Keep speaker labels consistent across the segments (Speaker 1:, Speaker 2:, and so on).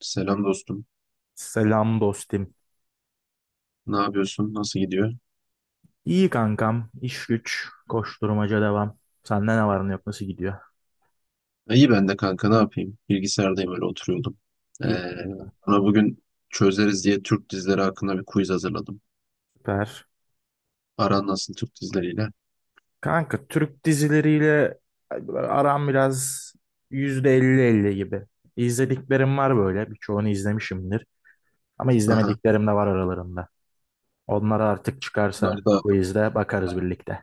Speaker 1: Selam dostum.
Speaker 2: Selam dostum.
Speaker 1: Ne yapıyorsun? Nasıl gidiyor?
Speaker 2: İyi kankam. İş güç. Koşturmaca devam. Sende ne var ne yok nasıl gidiyor?
Speaker 1: İyi, ben de kanka, ne yapayım? Bilgisayardayım, öyle oturuyordum.
Speaker 2: İyi
Speaker 1: Ee,
Speaker 2: kanka.
Speaker 1: Ona bugün çözeriz diye Türk dizileri hakkında bir quiz hazırladım.
Speaker 2: Süper.
Speaker 1: Aran nasıl Türk dizileriyle?
Speaker 2: Kanka Türk dizileriyle aram biraz %50 %50 gibi. İzlediklerim var böyle. Birçoğunu izlemişimdir. Ama
Speaker 1: Aha.
Speaker 2: izlemediklerim de var aralarında. Onlara artık çıkarsa
Speaker 1: Bunlar da
Speaker 2: quizde bakarız birlikte.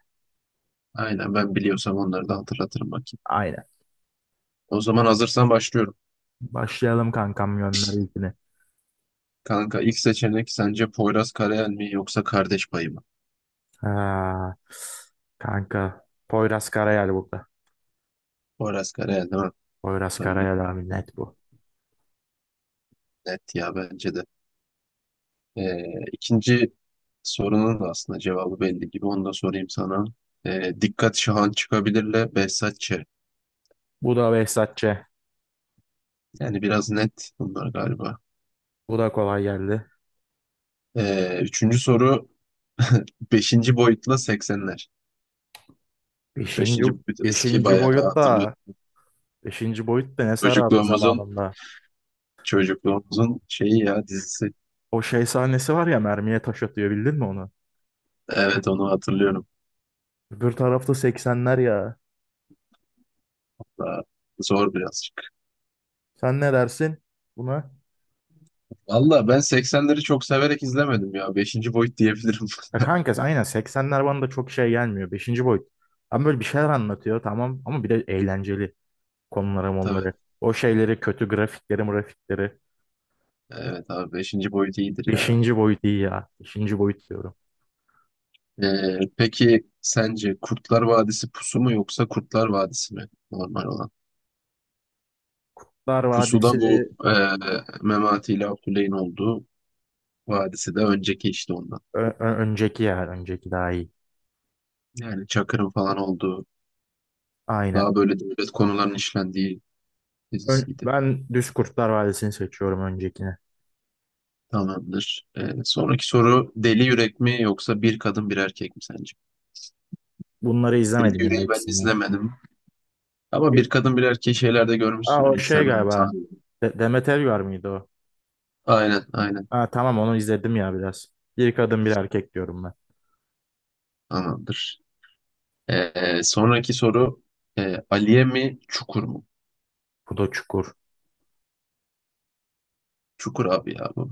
Speaker 1: aynen, ben biliyorsam onları da hatırlatırım bakayım.
Speaker 2: Aynen.
Speaker 1: O zaman hazırsan başlıyorum.
Speaker 2: Başlayalım kankam, gönder ilkini.
Speaker 1: Kanka, ilk seçenek sence Poyraz Karayel mi yoksa Kardeş Payı mı?
Speaker 2: Ha, kanka Poyraz Karayel burada.
Speaker 1: Poyraz Karayel değil mi?
Speaker 2: Poyraz
Speaker 1: Ben de
Speaker 2: Karayel abi, net bu.
Speaker 1: net ya, bence de. Ee, ikinci sorunun da aslında cevabı belli gibi. Onu da sorayım sana. Dikkat Şahan çıkabilirle Behzat Ç.
Speaker 2: Bu da Behzatçı.
Speaker 1: Yani biraz net bunlar galiba.
Speaker 2: Bu da kolay geldi.
Speaker 1: Üçüncü soru beşinci boyutla 80'ler.
Speaker 2: Beşinci,
Speaker 1: Beşinci boyut eski,
Speaker 2: beşinci
Speaker 1: bayağı
Speaker 2: boyut
Speaker 1: hatırlıyorum.
Speaker 2: da beşinci boyut da ne sarardı
Speaker 1: Çocukluğumuzun
Speaker 2: zamanında.
Speaker 1: çocukluğumuzun şeyi ya, dizisi.
Speaker 2: O şey sahnesi var ya, mermiye taş atıyor, bildin mi onu?
Speaker 1: Evet, onu hatırlıyorum.
Speaker 2: Öbür tarafta seksenler ya.
Speaker 1: Daha zor birazcık.
Speaker 2: Sen ne dersin buna?
Speaker 1: Valla ben 80'leri çok severek izlemedim ya. Beşinci boyut diyebilirim.
Speaker 2: Ya kanka aynen, seksenler bana da çok şey gelmiyor. Beşinci boyut. Ama böyle bir şeyler anlatıyor, tamam, ama bir de eğlenceli konulara
Speaker 1: Tabii.
Speaker 2: onları. O şeyleri, kötü grafikleri grafikleri.
Speaker 1: Evet abi, beşinci boyut iyidir ya.
Speaker 2: Beşinci boyut iyi ya. Beşinci boyut diyorum.
Speaker 1: Peki sence Kurtlar Vadisi Pusu mu yoksa Kurtlar Vadisi mi normal olan?
Speaker 2: Kurtlar
Speaker 1: Pusu da
Speaker 2: Vadisi
Speaker 1: bu Memati ile Abdüley'in olduğu, vadisi de önceki işte ondan.
Speaker 2: önceki ya. Önceki daha iyi.
Speaker 1: Yani Çakır'ın falan olduğu,
Speaker 2: Aynen.
Speaker 1: daha böyle devlet konularının işlendiği
Speaker 2: Ön-
Speaker 1: dizisiydi.
Speaker 2: ben Düz Kurtlar Vadisi'ni seçiyorum, öncekine.
Speaker 1: Tamamdır. Sonraki soru Deli Yürek mi yoksa Bir Kadın Bir Erkek mi sence?
Speaker 2: Bunları
Speaker 1: Deli
Speaker 2: izlemedim ya,
Speaker 1: Yüreği ben
Speaker 2: ikisini.
Speaker 1: izlemedim. Ama
Speaker 2: E,
Speaker 1: Bir Kadın Bir Erkeği şeylerde
Speaker 2: Aa,
Speaker 1: görmüşsün.
Speaker 2: o şey
Speaker 1: Instagram'da.
Speaker 2: galiba. Demet Evgar mıydı o?
Speaker 1: Aynen, aynen.
Speaker 2: Aa, tamam, onu izledim ya biraz. Bir kadın bir erkek diyorum ben.
Speaker 1: Tamamdır. Sonraki soru, Aliye mi Çukur mu?
Speaker 2: Bu da Çukur.
Speaker 1: Çukur abi ya bu.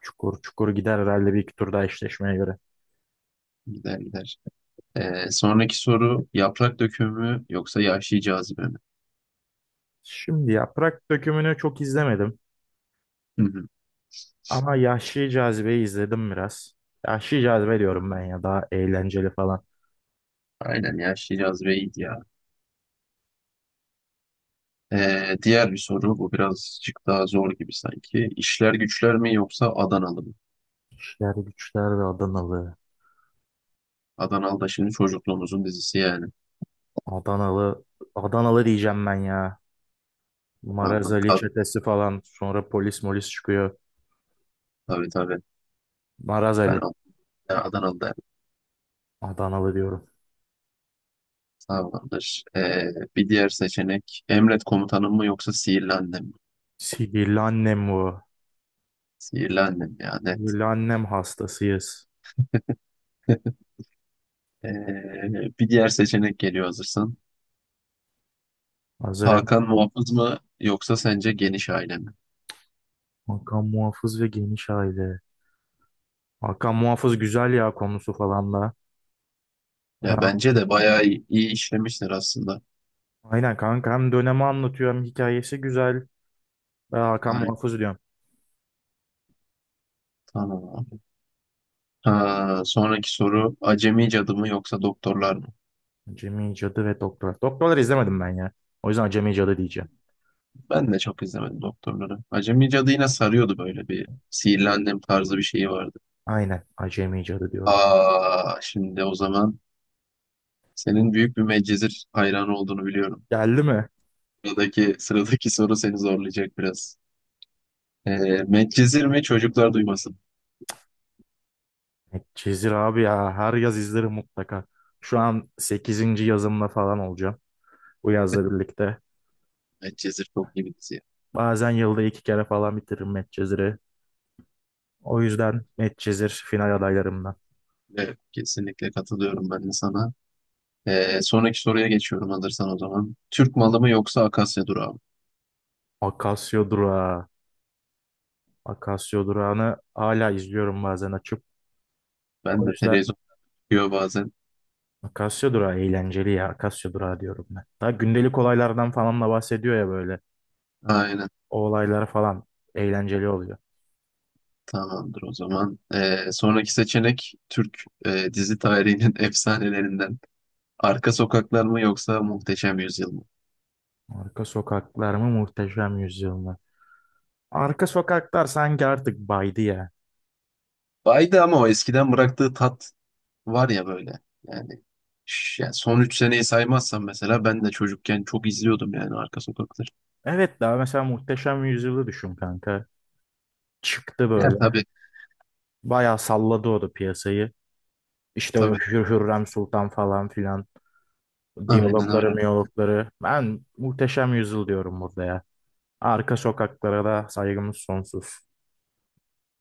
Speaker 2: Çukur Çukur gider herhalde, bir iki tur daha, eşleşmeye göre.
Speaker 1: Gider gider. Sonraki soru Yaprak Dökümü mü yoksa Yahşi Cazibe mi?
Speaker 2: Şimdi Yaprak Dökümü'nü çok izlemedim.
Speaker 1: Hı hı.
Speaker 2: Ama Yahşi Cazibe'yi izledim biraz. Yahşi Cazibe diyorum ben ya, daha eğlenceli falan.
Speaker 1: Aynen, Yahşi Cazibe iyiydi ya. Diğer bir soru, bu birazcık daha zor gibi sanki. İşler Güçler mi yoksa Adanalı mı?
Speaker 2: İşler Güçler ve Adanalı.
Speaker 1: Adanalı da şimdi çocukluğumuzun dizisi yani.
Speaker 2: Adanalı. Adanalı diyeceğim ben ya. Maraz
Speaker 1: Adanalı.
Speaker 2: Ali çetesi falan. Sonra polis molis çıkıyor.
Speaker 1: Tabii tabii.
Speaker 2: Maraz
Speaker 1: Ben
Speaker 2: Ali.
Speaker 1: Ad- Adanalı derdim.
Speaker 2: Adanalı diyorum.
Speaker 1: Tamamdır. Bir diğer seçenek Emret Komutanım mı yoksa Sihirli Annem mi?
Speaker 2: Sihirli annem bu.
Speaker 1: Sihirli Annem yani.
Speaker 2: Sihirli annem hastasıyız.
Speaker 1: Ee, Bir diğer seçenek geliyor, hazırsan.
Speaker 2: Hazırım.
Speaker 1: Hakan Muhafız mı yoksa sence Geniş Aile mi?
Speaker 2: Hakan Muhafız ve Geniş Aile. Hakan Muhafız güzel ya, konusu falan da.
Speaker 1: Ya
Speaker 2: Ha,
Speaker 1: bence de bayağı iyi, iyi işlemişler aslında.
Speaker 2: aynen kanka, hem dönemi anlatıyor hem hikayesi güzel. Ben Hakan
Speaker 1: Ay,
Speaker 2: Muhafız diyorum.
Speaker 1: tamam abi. Ha, sonraki soru Acemi Cadı mı yoksa Doktorlar mı?
Speaker 2: Acemi Cadı ve Doktor. Doktorları izlemedim ben ya. O yüzden Acemi Cadı diyeceğim.
Speaker 1: Ben de çok izlemedim Doktorları. Acemi Cadı yine sarıyordu, böyle bir Sihirli Annem tarzı bir şeyi vardı.
Speaker 2: Aynen, Acemi Cadı diyorum.
Speaker 1: Aa, şimdi o zaman senin büyük bir Medcezir hayranı olduğunu biliyorum.
Speaker 2: Geldi mi?
Speaker 1: Sıradaki soru seni zorlayacak biraz. Ee, Medcezir mi Çocuklar Duymasın?
Speaker 2: Çizir abi ya, her yaz izlerim mutlaka. Şu an sekizinci yazımla falan olacağım bu yazla birlikte.
Speaker 1: Medcezir çok iyi bir dizi.
Speaker 2: Bazen yılda iki kere falan bitiririm Medcezir'i. O yüzden Medcezir final adaylarımdan.
Speaker 1: Evet, kesinlikle katılıyorum ben de sana. Sonraki soruya geçiyorum, alırsan o zaman. Türk Malı mı yoksa Akasya Durağı mı?
Speaker 2: Akasya Durağı. Akasya Durağı'nı hala izliyorum bazen açıp. O
Speaker 1: Ben de
Speaker 2: yüzden
Speaker 1: televizyon çıkıyor bazen.
Speaker 2: Akasya Durağı eğlenceli ya. Akasya Durağı diyorum ben. Daha gündelik olaylardan falan da bahsediyor ya böyle.
Speaker 1: Aynen,
Speaker 2: O olaylar falan eğlenceli oluyor.
Speaker 1: tamamdır o zaman. Sonraki seçenek Türk dizi tarihinin efsanelerinden. Arka Sokaklar mı yoksa Muhteşem Yüzyıl mı?
Speaker 2: Arka sokaklar mı, Muhteşem Yüzyıl. Arka sokaklar sanki artık baydı ya.
Speaker 1: Baydı ama o eskiden bıraktığı tat var ya böyle, yani yani son 3 seneyi saymazsam, mesela ben de çocukken çok izliyordum yani Arka Sokakları.
Speaker 2: Evet, daha mesela Muhteşem Yüzyıl'ı düşün kanka. Çıktı
Speaker 1: Ya
Speaker 2: böyle.
Speaker 1: tabii,
Speaker 2: Bayağı salladı o da piyasayı. İşte o
Speaker 1: tabii,
Speaker 2: Hürrem Sultan falan filan.
Speaker 1: aynen
Speaker 2: Diyalogları,
Speaker 1: öyle,
Speaker 2: miyologları. Ben Muhteşem Yüzyıl diyorum burada ya. Arka sokaklara da saygımız sonsuz.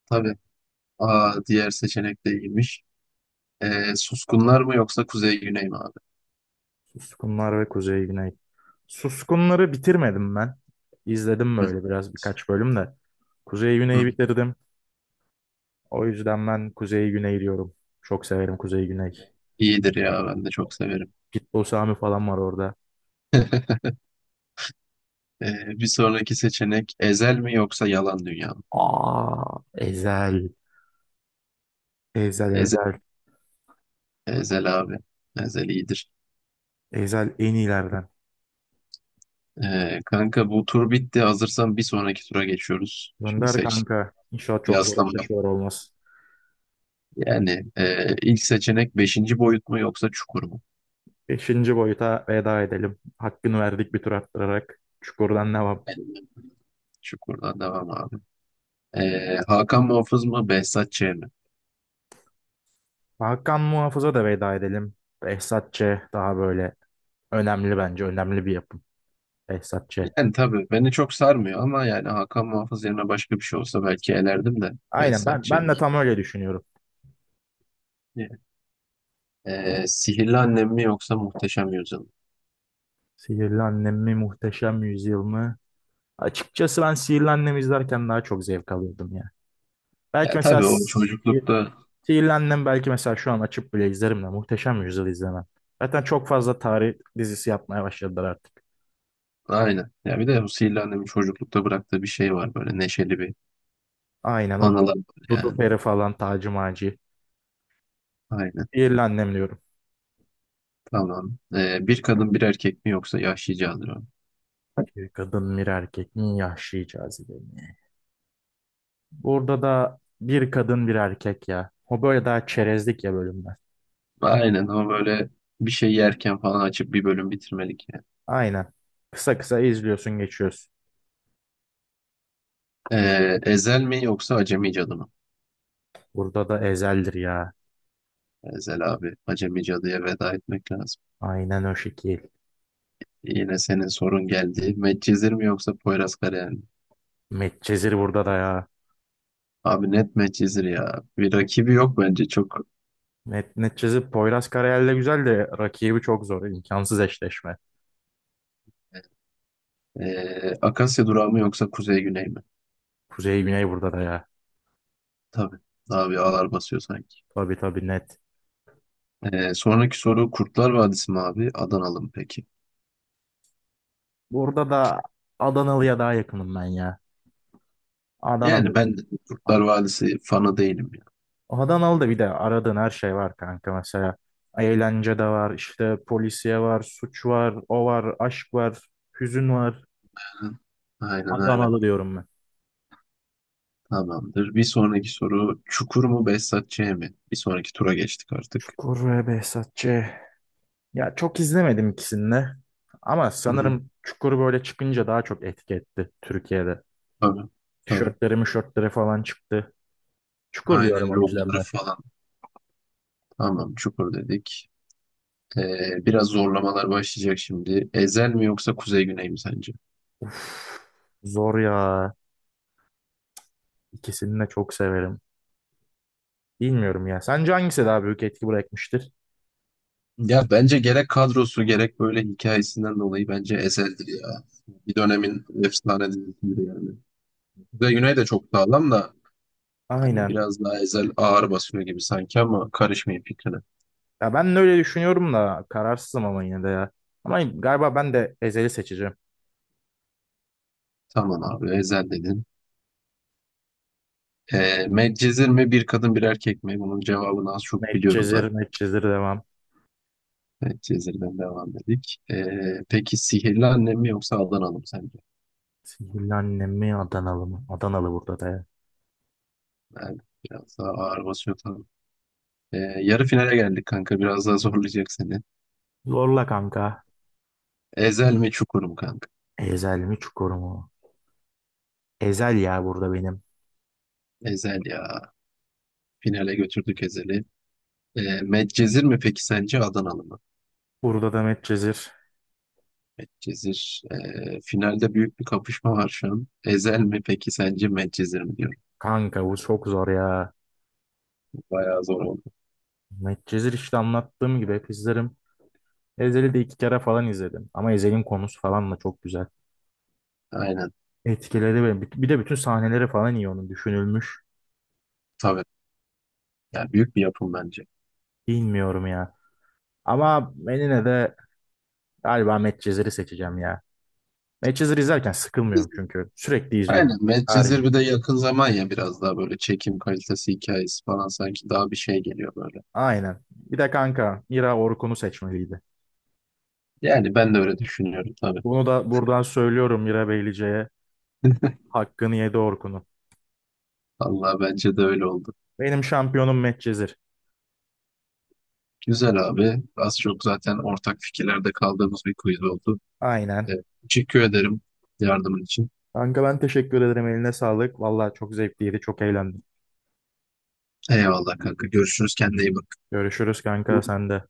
Speaker 1: tabii. Aa, diğer seçenek de iyiymiş. Suskunlar mı yoksa Kuzey Güney mi abi?
Speaker 2: Suskunlar ve Kuzey Güney. Suskunları bitirmedim ben. İzledim
Speaker 1: Hı,
Speaker 2: böyle biraz, birkaç bölüm de. Kuzey
Speaker 1: hı.
Speaker 2: Güney'i
Speaker 1: hı.
Speaker 2: bitirdim. O yüzden ben Kuzey Güney diyorum. Çok severim Kuzey Güney.
Speaker 1: İyidir ya, ben de çok severim.
Speaker 2: Pitbull Sami falan var orada.
Speaker 1: Bir sonraki seçenek Ezel mi yoksa Yalan Dünya mı?
Speaker 2: Aa, Ezel. Ezel
Speaker 1: Eze-
Speaker 2: Ezel.
Speaker 1: Ezel abi. Ezel iyidir.
Speaker 2: Ezel en iyilerden.
Speaker 1: Kanka, bu tur bitti. Hazırsan bir sonraki tura geçiyoruz. Şimdi
Speaker 2: Gönder
Speaker 1: seç.
Speaker 2: kanka. İnşallah çok zor
Speaker 1: Kıyaslama.
Speaker 2: eşleşmeler olmaz.
Speaker 1: Yani ilk seçenek Beşinci Boyut mu yoksa Çukur mu?
Speaker 2: Beşinci boyuta veda edelim. Hakkını verdik, bir tur attırarak. Çukurdan devam.
Speaker 1: Çukurdan devam abi. E, Hakan Muhafız mı Behzat Ç. mi?
Speaker 2: Hakan Muhafız'a da veda edelim. Behzat Ç. daha böyle önemli bence. Önemli bir yapım. Behzat Ç.
Speaker 1: Yani tabii beni çok sarmıyor, ama yani Hakan Muhafız yerine başka bir şey olsa belki elerdim de
Speaker 2: Aynen,
Speaker 1: Behzat
Speaker 2: ben,
Speaker 1: Ç.
Speaker 2: ben de tam öyle düşünüyorum.
Speaker 1: yani. E, Sihirli Annem mi yoksa Muhteşem Yüzyıl mı?
Speaker 2: Sihirli Annem mi, Muhteşem Yüzyıl mı? Açıkçası ben Sihirli Annem izlerken daha çok zevk alıyordum. Belki
Speaker 1: Ya
Speaker 2: mesela
Speaker 1: tabii, o çocuklukta,
Speaker 2: sihirlendim, belki mesela şu an açıp bile izlerim de Muhteşem Yüzyıl izlemem. Zaten çok fazla tarih dizisi yapmaya başladılar artık.
Speaker 1: aynen. Ya bir de o Sihirli Annem'in çocuklukta bıraktığı bir şey var, böyle neşeli bir
Speaker 2: Aynen o
Speaker 1: anılar var
Speaker 2: Dudu
Speaker 1: yani.
Speaker 2: Peri falan, Taci Maci.
Speaker 1: Aynen.
Speaker 2: Sihirlendim diyorum.
Speaker 1: Tamam. E, Bir Kadın Bir Erkek mi yoksa Yahşi Candır.
Speaker 2: Bir kadın bir erkek mi, yaşlı cazibemi. Burada da bir kadın bir erkek ya. O böyle daha çerezlik ya bölümler.
Speaker 1: Aynen, ama böyle bir şey yerken falan açıp bir bölüm bitirmelik yani.
Speaker 2: Aynen. Kısa kısa izliyorsun, geçiyorsun.
Speaker 1: Ezel mi yoksa Acemi Cadı mı?
Speaker 2: Burada da Ezel'dir ya.
Speaker 1: Ezel abi. Acemi Cadı'ya veda etmek lazım.
Speaker 2: Aynen o şekil.
Speaker 1: Yine senin sorun geldi. Medcezir mi yoksa Poyraz Karayel mi?
Speaker 2: Medcezir burada da ya.
Speaker 1: Abi net Medcezir ya. Bir rakibi yok bence çok.
Speaker 2: Net, neticesi Poyraz Karayel güzel de rakibi çok zor. İmkansız eşleşme.
Speaker 1: Akasya Durağı mı yoksa Kuzey Güney mi?
Speaker 2: Kuzey Güney burada da ya.
Speaker 1: Tabii. Abi ağlar basıyor sanki.
Speaker 2: Tabii tabii, net.
Speaker 1: Sonraki soru Kurtlar Vadisi mi abi? Adanalı mı peki?
Speaker 2: Burada da Adanalı'ya daha yakınım ben ya. Adanalı.
Speaker 1: Yani ben
Speaker 2: A-
Speaker 1: Kurtlar Vadisi fanı değilim ya.
Speaker 2: Adanalı'da bir de aradığın her şey var kanka mesela. Eğlence de var, işte polisiye var, suç var, o var, aşk var, hüzün var.
Speaker 1: Aynen öyle.
Speaker 2: Adanalı diyorum ben.
Speaker 1: Tamamdır. Bir sonraki soru Çukur mu Behzat Ç. mi? Bir sonraki tura geçtik artık.
Speaker 2: Çukur ve Behzatçı. Ya, çok izlemedim ikisini de. Ama
Speaker 1: Hı hı.
Speaker 2: sanırım Çukur böyle çıkınca daha çok etki etti Türkiye'de.
Speaker 1: Tabii. Tabii.
Speaker 2: Tişörtleri mişörtleri falan çıktı. Çukur
Speaker 1: Aynen,
Speaker 2: diyorum o yüzden
Speaker 1: logoları
Speaker 2: ben.
Speaker 1: falan. Tamam, Çukur dedik. Biraz zorlamalar başlayacak şimdi. Ezel mi yoksa Kuzey Güney mi sence?
Speaker 2: Uf, zor ya. İkisini de çok severim. Bilmiyorum ya. Sence hangisi daha büyük etki bırakmıştır?
Speaker 1: Ya bence gerek kadrosu gerek böyle hikayesinden dolayı bence Ezel'dir ya. Bir dönemin efsane dizisidir yani. Kuzey Güney de çok sağlam da, hani
Speaker 2: Aynen.
Speaker 1: biraz daha Ezel ağır basıyor gibi sanki, ama karışmayın fikrine.
Speaker 2: Ya ben de öyle düşünüyorum da kararsızım, ama yine de ya. Ama galiba ben de Ezel'i seçeceğim.
Speaker 1: Tamam abi, Ezel dedin. Medcezir mi Bir Kadın Bir Erkek mi? Bunun cevabını az çok biliyorum
Speaker 2: Medcezir,
Speaker 1: zaten.
Speaker 2: Medcezir devam.
Speaker 1: Medcezir'den devam dedik. Peki Sihirli Annem mi yoksa Adanalı mı sence?
Speaker 2: Sihirli annem mi, Adanalı mı? Adanalı burada da ya.
Speaker 1: Yani biraz daha ağır basıyor tabii. Ee, Yarı finale geldik kanka. Biraz daha zorlayacak seni.
Speaker 2: Zorla kanka.
Speaker 1: Ezel mi Çukur mu kanka?
Speaker 2: Ezel mi, Çukur mu? Ezel ya burada benim.
Speaker 1: Ezel ya. Finale götürdük Ezel'i. Medcezir mi peki sence Adanalı mı?
Speaker 2: Burada da Medcezir.
Speaker 1: Medcezir. Finalde büyük bir kapışma var şu an. Ezel mi peki sence Medcezir mi diyorum.
Speaker 2: Kanka bu çok zor ya.
Speaker 1: Bayağı zor oldu.
Speaker 2: Medcezir işte anlattığım gibi hep izlerim. Ezel'i de iki kere falan izledim. Ama Ezel'in konusu falan da çok güzel.
Speaker 1: Aynen.
Speaker 2: Etkiledi beni. Bir de bütün sahneleri falan iyi onun düşünülmüş.
Speaker 1: Tabii. Yani büyük bir yapım bence.
Speaker 2: Bilmiyorum ya. Ama ben yine de galiba Medcezir'i seçeceğim ya. Medcezir izlerken sıkılmıyorum çünkü. Sürekli izliyorum.
Speaker 1: Aynen,
Speaker 2: Her
Speaker 1: Medcezir
Speaker 2: gün.
Speaker 1: bir de yakın zaman ya, biraz daha böyle çekim kalitesi hikayesi falan sanki daha bir şey geliyor böyle.
Speaker 2: Aynen. Bir de kanka Mira, Orkun'u seçmeliydi.
Speaker 1: Yani ben de öyle düşünüyorum tabii.
Speaker 2: Bunu da buradan söylüyorum Mira Beylice'ye. Hakkını yedi Orkun'un.
Speaker 1: Allah, bence de öyle oldu.
Speaker 2: Benim şampiyonum Medcezir.
Speaker 1: Güzel abi. Az çok zaten ortak fikirlerde kaldığımız bir quiz oldu.
Speaker 2: Aynen.
Speaker 1: Evet, teşekkür ederim yardımın için.
Speaker 2: Kanka ben teşekkür ederim. Eline sağlık. Vallahi çok zevkliydi. Çok eğlendim.
Speaker 1: Eyvallah kanka. Görüşürüz. Kendine iyi bak.
Speaker 2: Görüşürüz kanka, sen de.